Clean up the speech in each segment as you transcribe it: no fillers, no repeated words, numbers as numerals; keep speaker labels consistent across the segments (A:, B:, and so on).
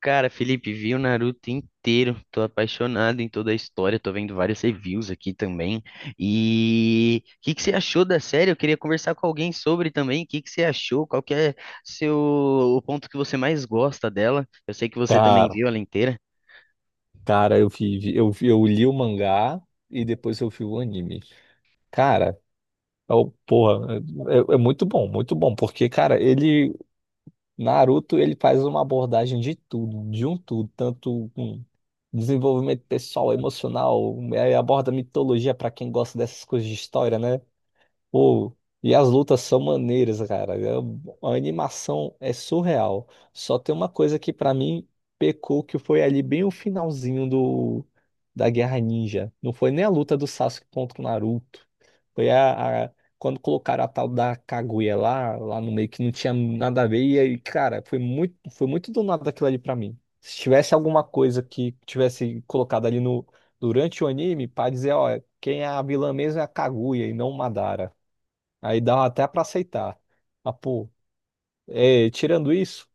A: Cara, Felipe, vi o Naruto inteiro, tô apaixonado em toda a história, tô vendo vários reviews aqui também. E o que que você achou da série? Eu queria conversar com alguém sobre também. O que que você achou? Qual que é seu o ponto que você mais gosta dela? Eu sei que você também
B: Cara,
A: viu ela inteira.
B: cara, eu vi, eu li o mangá e depois eu vi o anime. Cara, porra, é muito bom, porque, cara, ele, Naruto, ele faz uma abordagem de tudo, de um tudo, tanto com desenvolvimento pessoal, emocional, aborda mitologia pra quem gosta dessas coisas de história, né? Pô, e as lutas são maneiras, cara. A animação é surreal. Só tem uma coisa que pra mim pecou, que foi ali bem o finalzinho do da Guerra Ninja. Não foi nem a luta do Sasuke contra o Naruto. Foi quando colocaram a tal da Kaguya lá, lá no meio, que não tinha nada a ver. E aí, cara, foi muito do nada aquilo ali pra mim. Se tivesse alguma coisa que tivesse colocado ali no durante o anime, pra dizer, ó, quem é a vilã mesmo é a Kaguya e não o Madara. Aí dá até pra aceitar. Ah, pô, tirando isso,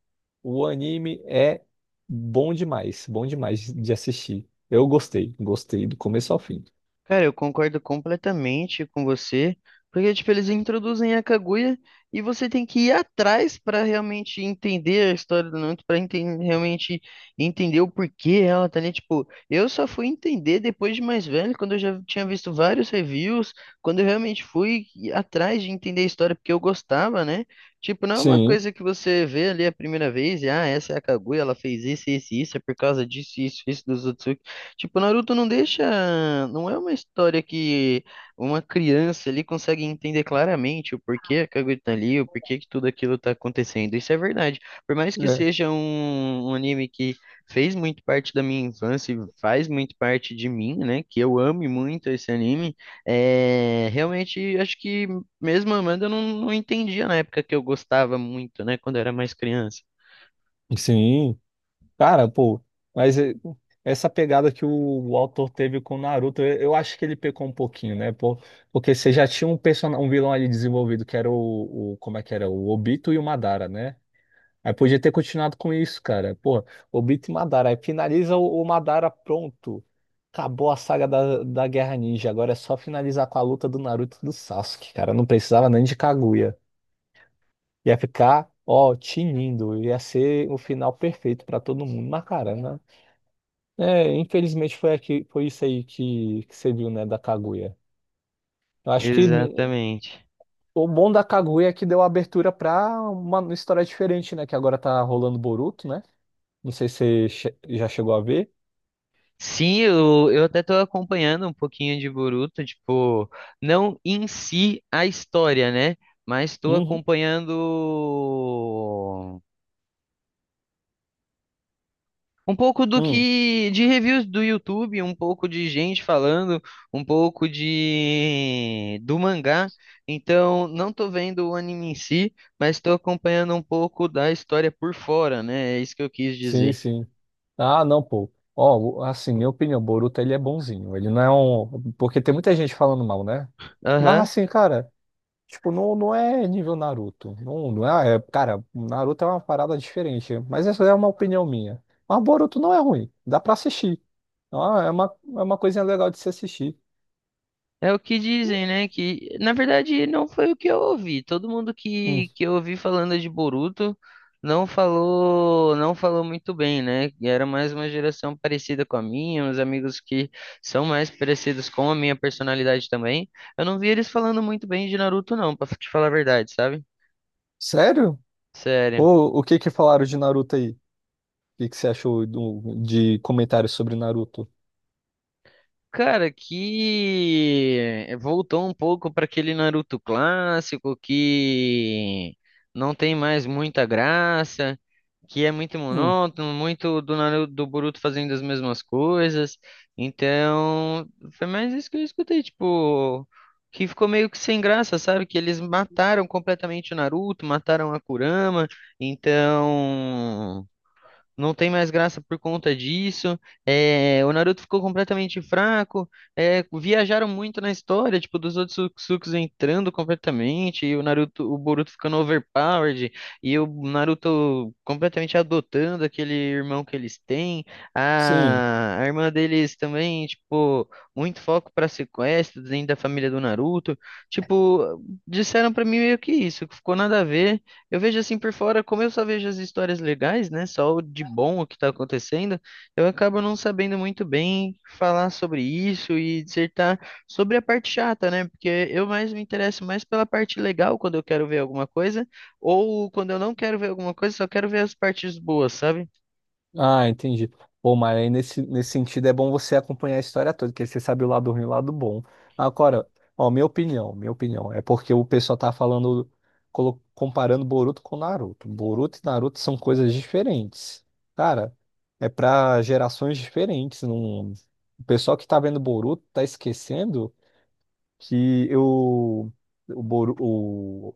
B: o anime é bom demais de assistir. Eu gostei, gostei do começo ao fim.
A: Cara, eu concordo completamente com você, porque tipo, eles introduzem a Kaguya e você tem que ir atrás para realmente entender a história do Naruto, para realmente entender o porquê ela tá ali, tipo, eu só fui entender depois de mais velho, quando eu já tinha visto vários reviews, quando eu realmente fui atrás de entender a história porque eu gostava, né? Tipo, não é uma
B: Sim,
A: coisa que você vê ali a primeira vez e, ah, essa é a Kaguya, ela fez isso, isso, e isso, é por causa disso, isso dos Otsutsu. Tipo, Naruto não deixa. Não é uma história que uma criança ali consegue entender claramente o porquê a Kaguya tá ali, o porquê que tudo aquilo tá acontecendo. Isso é verdade. Por mais que
B: é,
A: seja um anime que fez muito parte da minha infância e faz muito parte de mim, né? Que eu ame muito esse anime, realmente acho que mesmo amando eu não entendia na época que eu gostava muito, né? Quando eu era mais criança.
B: sim. Cara, pô, mas é, essa pegada que o autor teve com o Naruto, eu acho que ele pecou um pouquinho, né? Pô, porque você já tinha um personagem, um vilão ali desenvolvido que era o, como é que era? O Obito e o Madara, né? Aí podia ter continuado com isso, cara. Porra, Obito e Madara. Aí finaliza o Madara, pronto. Acabou a saga da Guerra Ninja. Agora é só finalizar com a luta do Naruto e do Sasuke, cara. Não precisava nem de Kaguya. Ia ficar, ó, tinindo. Ia ser o final perfeito pra todo mundo. Mas, cara, né? É, infelizmente foi, aqui, foi isso aí que você viu, né, da Kaguya. Eu acho que
A: Exatamente.
B: o bom da Kaguya é que deu abertura pra uma história diferente, né? Que agora tá rolando Boruto, né? Não sei se você já chegou a ver.
A: Sim, eu até tô acompanhando um pouquinho de Boruto, tipo, não em si a história, né? Mas tô
B: Uhum.
A: acompanhando um pouco do
B: Hum.
A: que de reviews do YouTube, um pouco de gente falando, um pouco de do mangá. Então, não tô vendo o anime em si, mas tô acompanhando um pouco da história por fora, né? É isso que eu quis
B: Sim,
A: dizer.
B: sim. Ah, não, pô. Ó, assim, minha opinião, o Boruto ele é bonzinho. Ele não é um. Porque tem muita gente falando mal, né? Mas
A: Aham.
B: assim, cara, tipo, não, não é nível Naruto. Não, não é, cara, Naruto é uma parada diferente. Mas essa é uma opinião minha. Mas Boruto não é ruim. Dá pra assistir. Ah, é uma coisinha legal de se assistir.
A: É o que dizem, né? Que na verdade não foi o que eu ouvi. Todo mundo
B: Hum.
A: que eu ouvi falando de Boruto não falou muito bem, né? E era mais uma geração parecida com a minha, uns amigos que são mais parecidos com a minha personalidade também. Eu não vi eles falando muito bem de Naruto, não, pra te falar a verdade, sabe?
B: Sério?
A: Sério.
B: Ou o que que falaram de Naruto aí? O que que você achou de comentários sobre Naruto?
A: Cara, que voltou um pouco para aquele Naruto clássico que não tem mais muita graça, que é muito
B: Hum,
A: monótono, muito do Naruto, do Boruto fazendo as mesmas coisas. Então, foi mais isso que eu escutei, tipo, que ficou meio que sem graça, sabe? Que eles mataram completamente o Naruto, mataram a Kurama, então não tem mais graça por conta disso. O Naruto ficou completamente fraco. Viajaram muito na história, tipo, dos outros Satsuki entrando completamente, e o Naruto, o Boruto ficando overpowered, e o Naruto completamente adotando aquele irmão que eles têm.
B: sim.
A: A irmã deles também, tipo, muito foco para sequestro dentro da família do Naruto. Tipo, disseram pra mim meio que isso, que ficou nada a ver. Eu vejo assim por fora, como eu só vejo as histórias legais, né? Só o de bom o que está acontecendo, eu acabo não sabendo muito bem falar sobre isso e dissertar sobre a parte chata, né? Porque eu mais me interesso mais pela parte legal quando eu quero ver alguma coisa, ou quando eu não quero ver alguma coisa, só quero ver as partes boas, sabe?
B: Ah, entendi. Pô, mas aí nesse, nesse sentido é bom você acompanhar a história toda, porque você sabe o lado ruim e o lado bom. Agora, ó, minha opinião, é porque o pessoal tá falando, comparando Boruto com Naruto. Boruto e Naruto são coisas diferentes. Cara, é pra gerações diferentes. Não... O pessoal que tá vendo Boruto tá esquecendo que eu, o,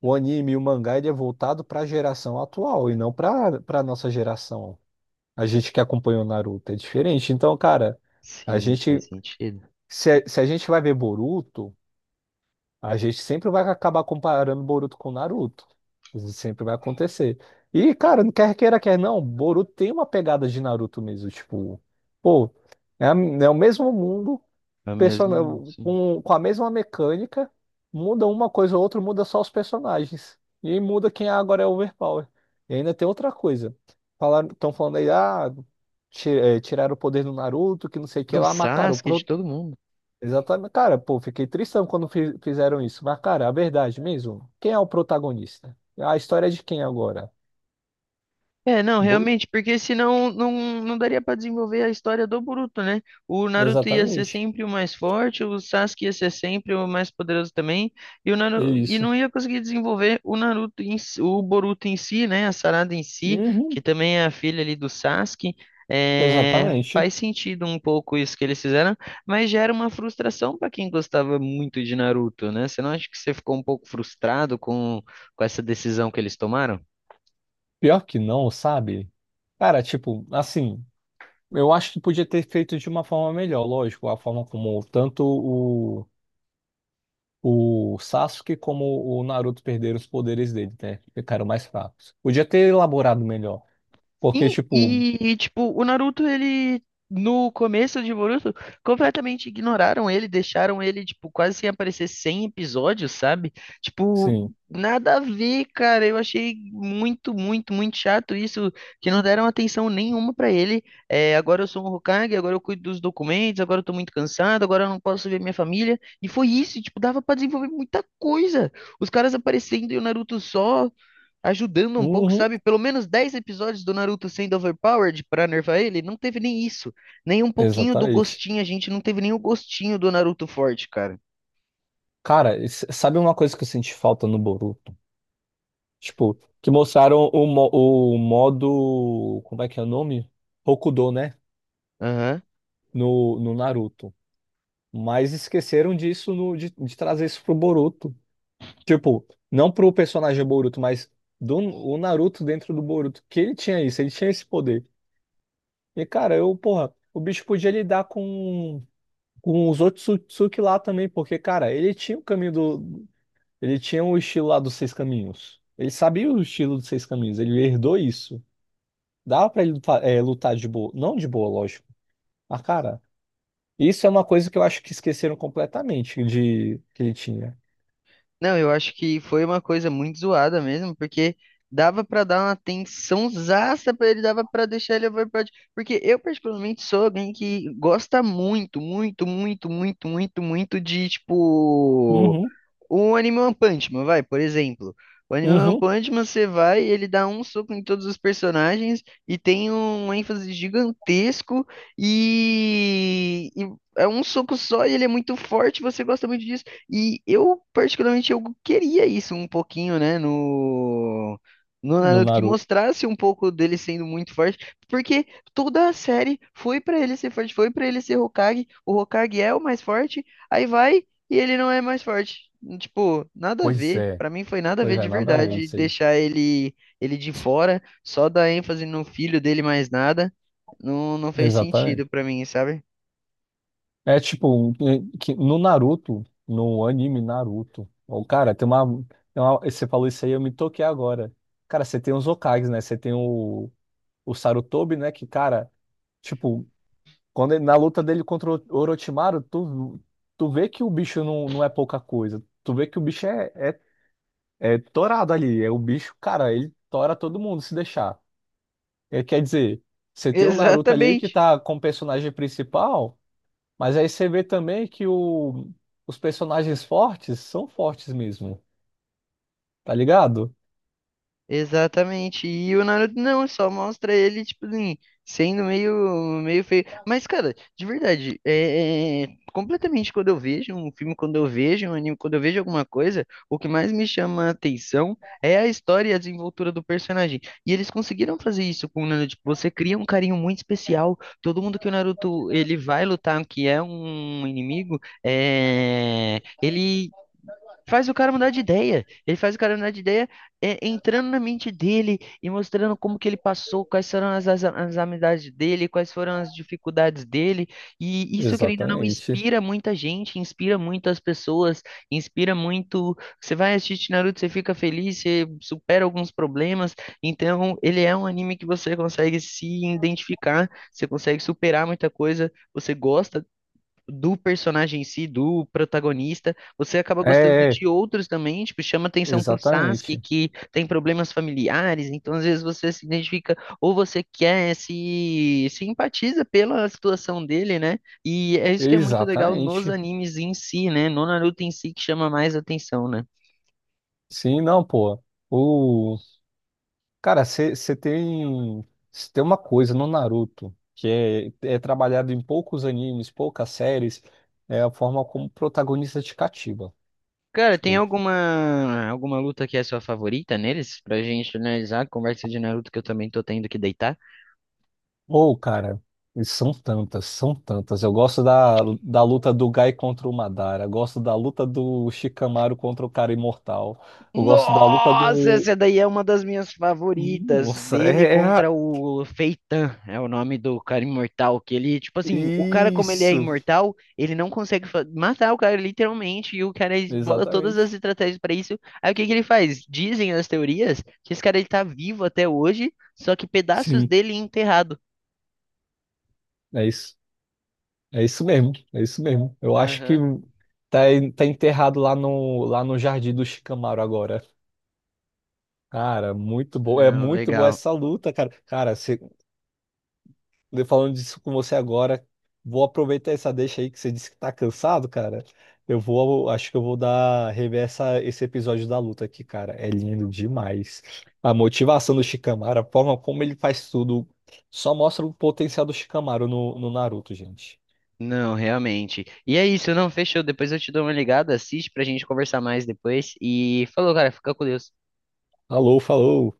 B: o anime e o mangá ele é voltado para a geração atual e não para nossa geração. A gente que acompanha o Naruto é diferente. Então, cara, a
A: Sim, faz
B: gente
A: sentido.
B: se, se a gente vai ver Boruto, a gente sempre vai acabar comparando Boruto com Naruto. Isso sempre vai acontecer. E, cara, não quer queira, quer não, Boruto tem uma pegada de Naruto mesmo, tipo, pô, é, é o mesmo mundo,
A: É mesmo,
B: person...
A: sim.
B: com a mesma mecânica, muda uma coisa ou outra, muda só os personagens. E aí muda quem agora é overpower. E ainda tem outra coisa. Falaram, estão falando aí, ah, tiraram o poder do Naruto, que não sei o que
A: Do
B: lá, mas cara, o
A: Sasuke, de todo mundo.
B: exatamente, cara, pô, fiquei tristão quando fizeram isso. Mas, cara, a verdade mesmo, quem é o protagonista? A história é de quem agora?
A: É, não,
B: Boru?
A: realmente, porque senão não, daria pra desenvolver a história do Boruto, né? O Naruto ia ser
B: Exatamente.
A: sempre o mais forte, o Sasuke ia ser sempre o mais poderoso também,
B: É
A: E
B: isso.
A: não ia conseguir desenvolver o Boruto em si, né? A Sarada em si, que
B: Uhum,
A: também é a filha ali do Sasuke. É,
B: exatamente.
A: faz sentido um pouco isso que eles fizeram, mas gera uma frustração pra quem gostava muito de Naruto, né? Você não acha que você ficou um pouco frustrado com essa decisão que eles tomaram?
B: Pior que não, sabe? Cara, tipo, assim. Eu acho que podia ter feito de uma forma melhor, lógico, a forma como tanto o Sasuke como o Naruto perderam os poderes dele, né? Ficaram mais fracos. Podia ter elaborado melhor, porque,
A: Sim,
B: tipo,
A: e tipo, o Naruto, ele no começo de Boruto, completamente ignoraram ele, deixaram ele tipo quase sem aparecer 100 episódios, sabe? Tipo,
B: sim.
A: nada a ver, cara. Eu achei muito, muito, muito chato isso, que não deram atenção nenhuma pra ele. É, agora eu sou um Hokage, agora eu cuido dos documentos, agora eu tô muito cansado, agora eu não posso ver minha família. E foi isso, tipo, dava pra desenvolver muita coisa. Os caras aparecendo e o Naruto só ajudando um pouco,
B: Uhum,
A: sabe? Pelo menos 10 episódios do Naruto sendo overpowered pra nervar ele, não teve nem isso. Nem um pouquinho do
B: exatamente.
A: gostinho, a gente não teve nem o gostinho do Naruto forte, cara.
B: Cara, sabe uma coisa que eu senti falta no Boruto? Tipo, que mostraram o modo. Como é que é o nome? Hokudo, né?
A: Aham.
B: No, no Naruto. Mas esqueceram disso, de trazer isso pro Boruto. Tipo, não pro personagem Boruto, mas do o Naruto dentro do Boruto, que ele tinha isso, ele tinha esse poder. E cara, eu, porra, o bicho podia lidar com os outros Otsutsuki lá também, porque, cara, ele tinha o caminho do. Ele tinha o estilo lá dos seis caminhos. Ele sabia o estilo dos seis caminhos, ele herdou isso. Dava pra ele lutar, é, lutar de boa. Não de boa, lógico. Mas, cara, isso é uma coisa que eu acho que esqueceram completamente de que ele tinha.
A: Não, eu acho que foi uma coisa muito zoada mesmo, porque dava pra dar uma tensãozaça pra ele, dava pra deixar ele overpowered. Porque eu, particularmente, sou alguém que gosta muito, muito, muito, muito, muito, muito de, tipo.
B: Uhum,
A: O Anime One Punch Man, vai, por exemplo. O Anime One
B: uhum,
A: Punch Man, você vai, ele dá um soco em todos os personagens e tem um ênfase gigantesco e é um soco só e ele é muito forte, você gosta muito disso. E eu, particularmente, eu queria isso um pouquinho, né, no
B: no
A: Naruto, que
B: Naruto.
A: mostrasse um pouco dele sendo muito forte, porque toda a série foi pra ele ser forte, foi pra ele ser Hokage, o Hokage é o mais forte, aí vai e ele não é mais forte. Tipo, nada a
B: Pois
A: ver.
B: é.
A: Pra mim foi nada a ver
B: Pois
A: de
B: é, nada a ver
A: verdade
B: isso aí.
A: deixar ele de fora, só dar ênfase no filho dele mais nada. Não, não fez
B: Exatamente.
A: sentido pra mim, sabe?
B: É tipo, que no Naruto, no anime Naruto, o cara, tem uma, você falou isso aí, eu me toquei agora. Cara, você tem os Hokages, né? Você tem o Sarutobi, né? Que, cara, tipo, quando na luta dele contra o Orochimaru, tu, tu vê que o bicho não, não é pouca coisa. Tu vê que o bicho é torado ali. É o bicho, cara, ele tora todo mundo se deixar. É, quer dizer, você tem o Naruto ali que
A: Exatamente.
B: tá com o personagem principal. Mas aí você vê também que os personagens fortes são fortes mesmo, tá ligado?
A: Exatamente. E o Naruto não, só mostra ele, tipo assim, sendo meio feio. Mas, cara, de verdade, completamente quando eu vejo um filme, quando eu vejo um anime, quando eu vejo alguma coisa, o que mais me chama a atenção é a história e a desenvoltura do personagem. E eles conseguiram fazer isso com o Naruto. Tipo, você cria um carinho muito especial. Todo mundo que o Naruto ele vai lutar, que é um inimigo, ele faz o cara mudar de ideia. Ele faz o cara mudar de ideia, entrando na mente dele e mostrando como que ele passou, quais foram as amizades dele, quais foram as dificuldades dele. E isso, querendo ou não,
B: Exatamente.
A: inspira muita gente, inspira muitas pessoas, inspira muito. Você vai assistir Naruto, você fica feliz, você supera alguns problemas. Então, ele é um anime que você consegue se identificar, você consegue superar muita coisa, você gosta do personagem em si, do protagonista, você acaba gostando
B: É, é,
A: de outros também, tipo, chama atenção pro Sasuke,
B: exatamente.
A: que tem problemas familiares, então às vezes você se identifica, ou você quer, se empatiza pela situação dele, né? E é isso que é muito legal nos
B: Exatamente.
A: animes em si, né? No Naruto em si que chama mais atenção, né?
B: Sim, não, pô. O... Cara, você tem... cê tem uma coisa no Naruto que é trabalhado em poucos animes, poucas séries, é a forma como o protagonista te cativa.
A: Cara, tem
B: Tipo,
A: alguma luta que é sua favorita neles? Pra gente analisar a conversa de Naruto que eu também tô tendo que deitar.
B: ou, cara, e são tantas, são tantas. Eu gosto da luta do Gai contra o Madara, gosto da luta do Shikamaru contra o cara imortal. Eu gosto da luta
A: Nossa,
B: do.
A: essa daí é uma das minhas favoritas.
B: Nossa,
A: Dele contra o Feitan, é o nome do cara imortal. Que ele, tipo assim, o cara, como ele é
B: isso.
A: imortal, ele não consegue matar o cara, literalmente. E o cara bola todas as
B: Exatamente.
A: estratégias pra isso. Aí o que que ele faz? Dizem as teorias que esse cara ele tá vivo até hoje, só que pedaços
B: Sim,
A: dele enterrado.
B: é isso. É isso mesmo, é isso mesmo. Eu acho que
A: Aham.
B: tá, tá enterrado lá no jardim do Shikamaru agora. Cara, muito bom. É
A: Não,
B: muito boa
A: legal.
B: essa luta, cara. Cara, falando disso com você agora, vou aproveitar essa deixa aí que você disse que tá cansado, cara. Eu vou, acho que eu vou dar rever essa, esse episódio da luta aqui, cara. É lindo demais. A motivação do Shikamaru, a forma como ele faz tudo, só mostra o potencial do Shikamaru no, no Naruto, gente.
A: Não, realmente. E é isso, não, fechou. Depois eu te dou uma ligada, assiste pra gente conversar mais depois. E falou, cara, fica com Deus.
B: Alô, falou!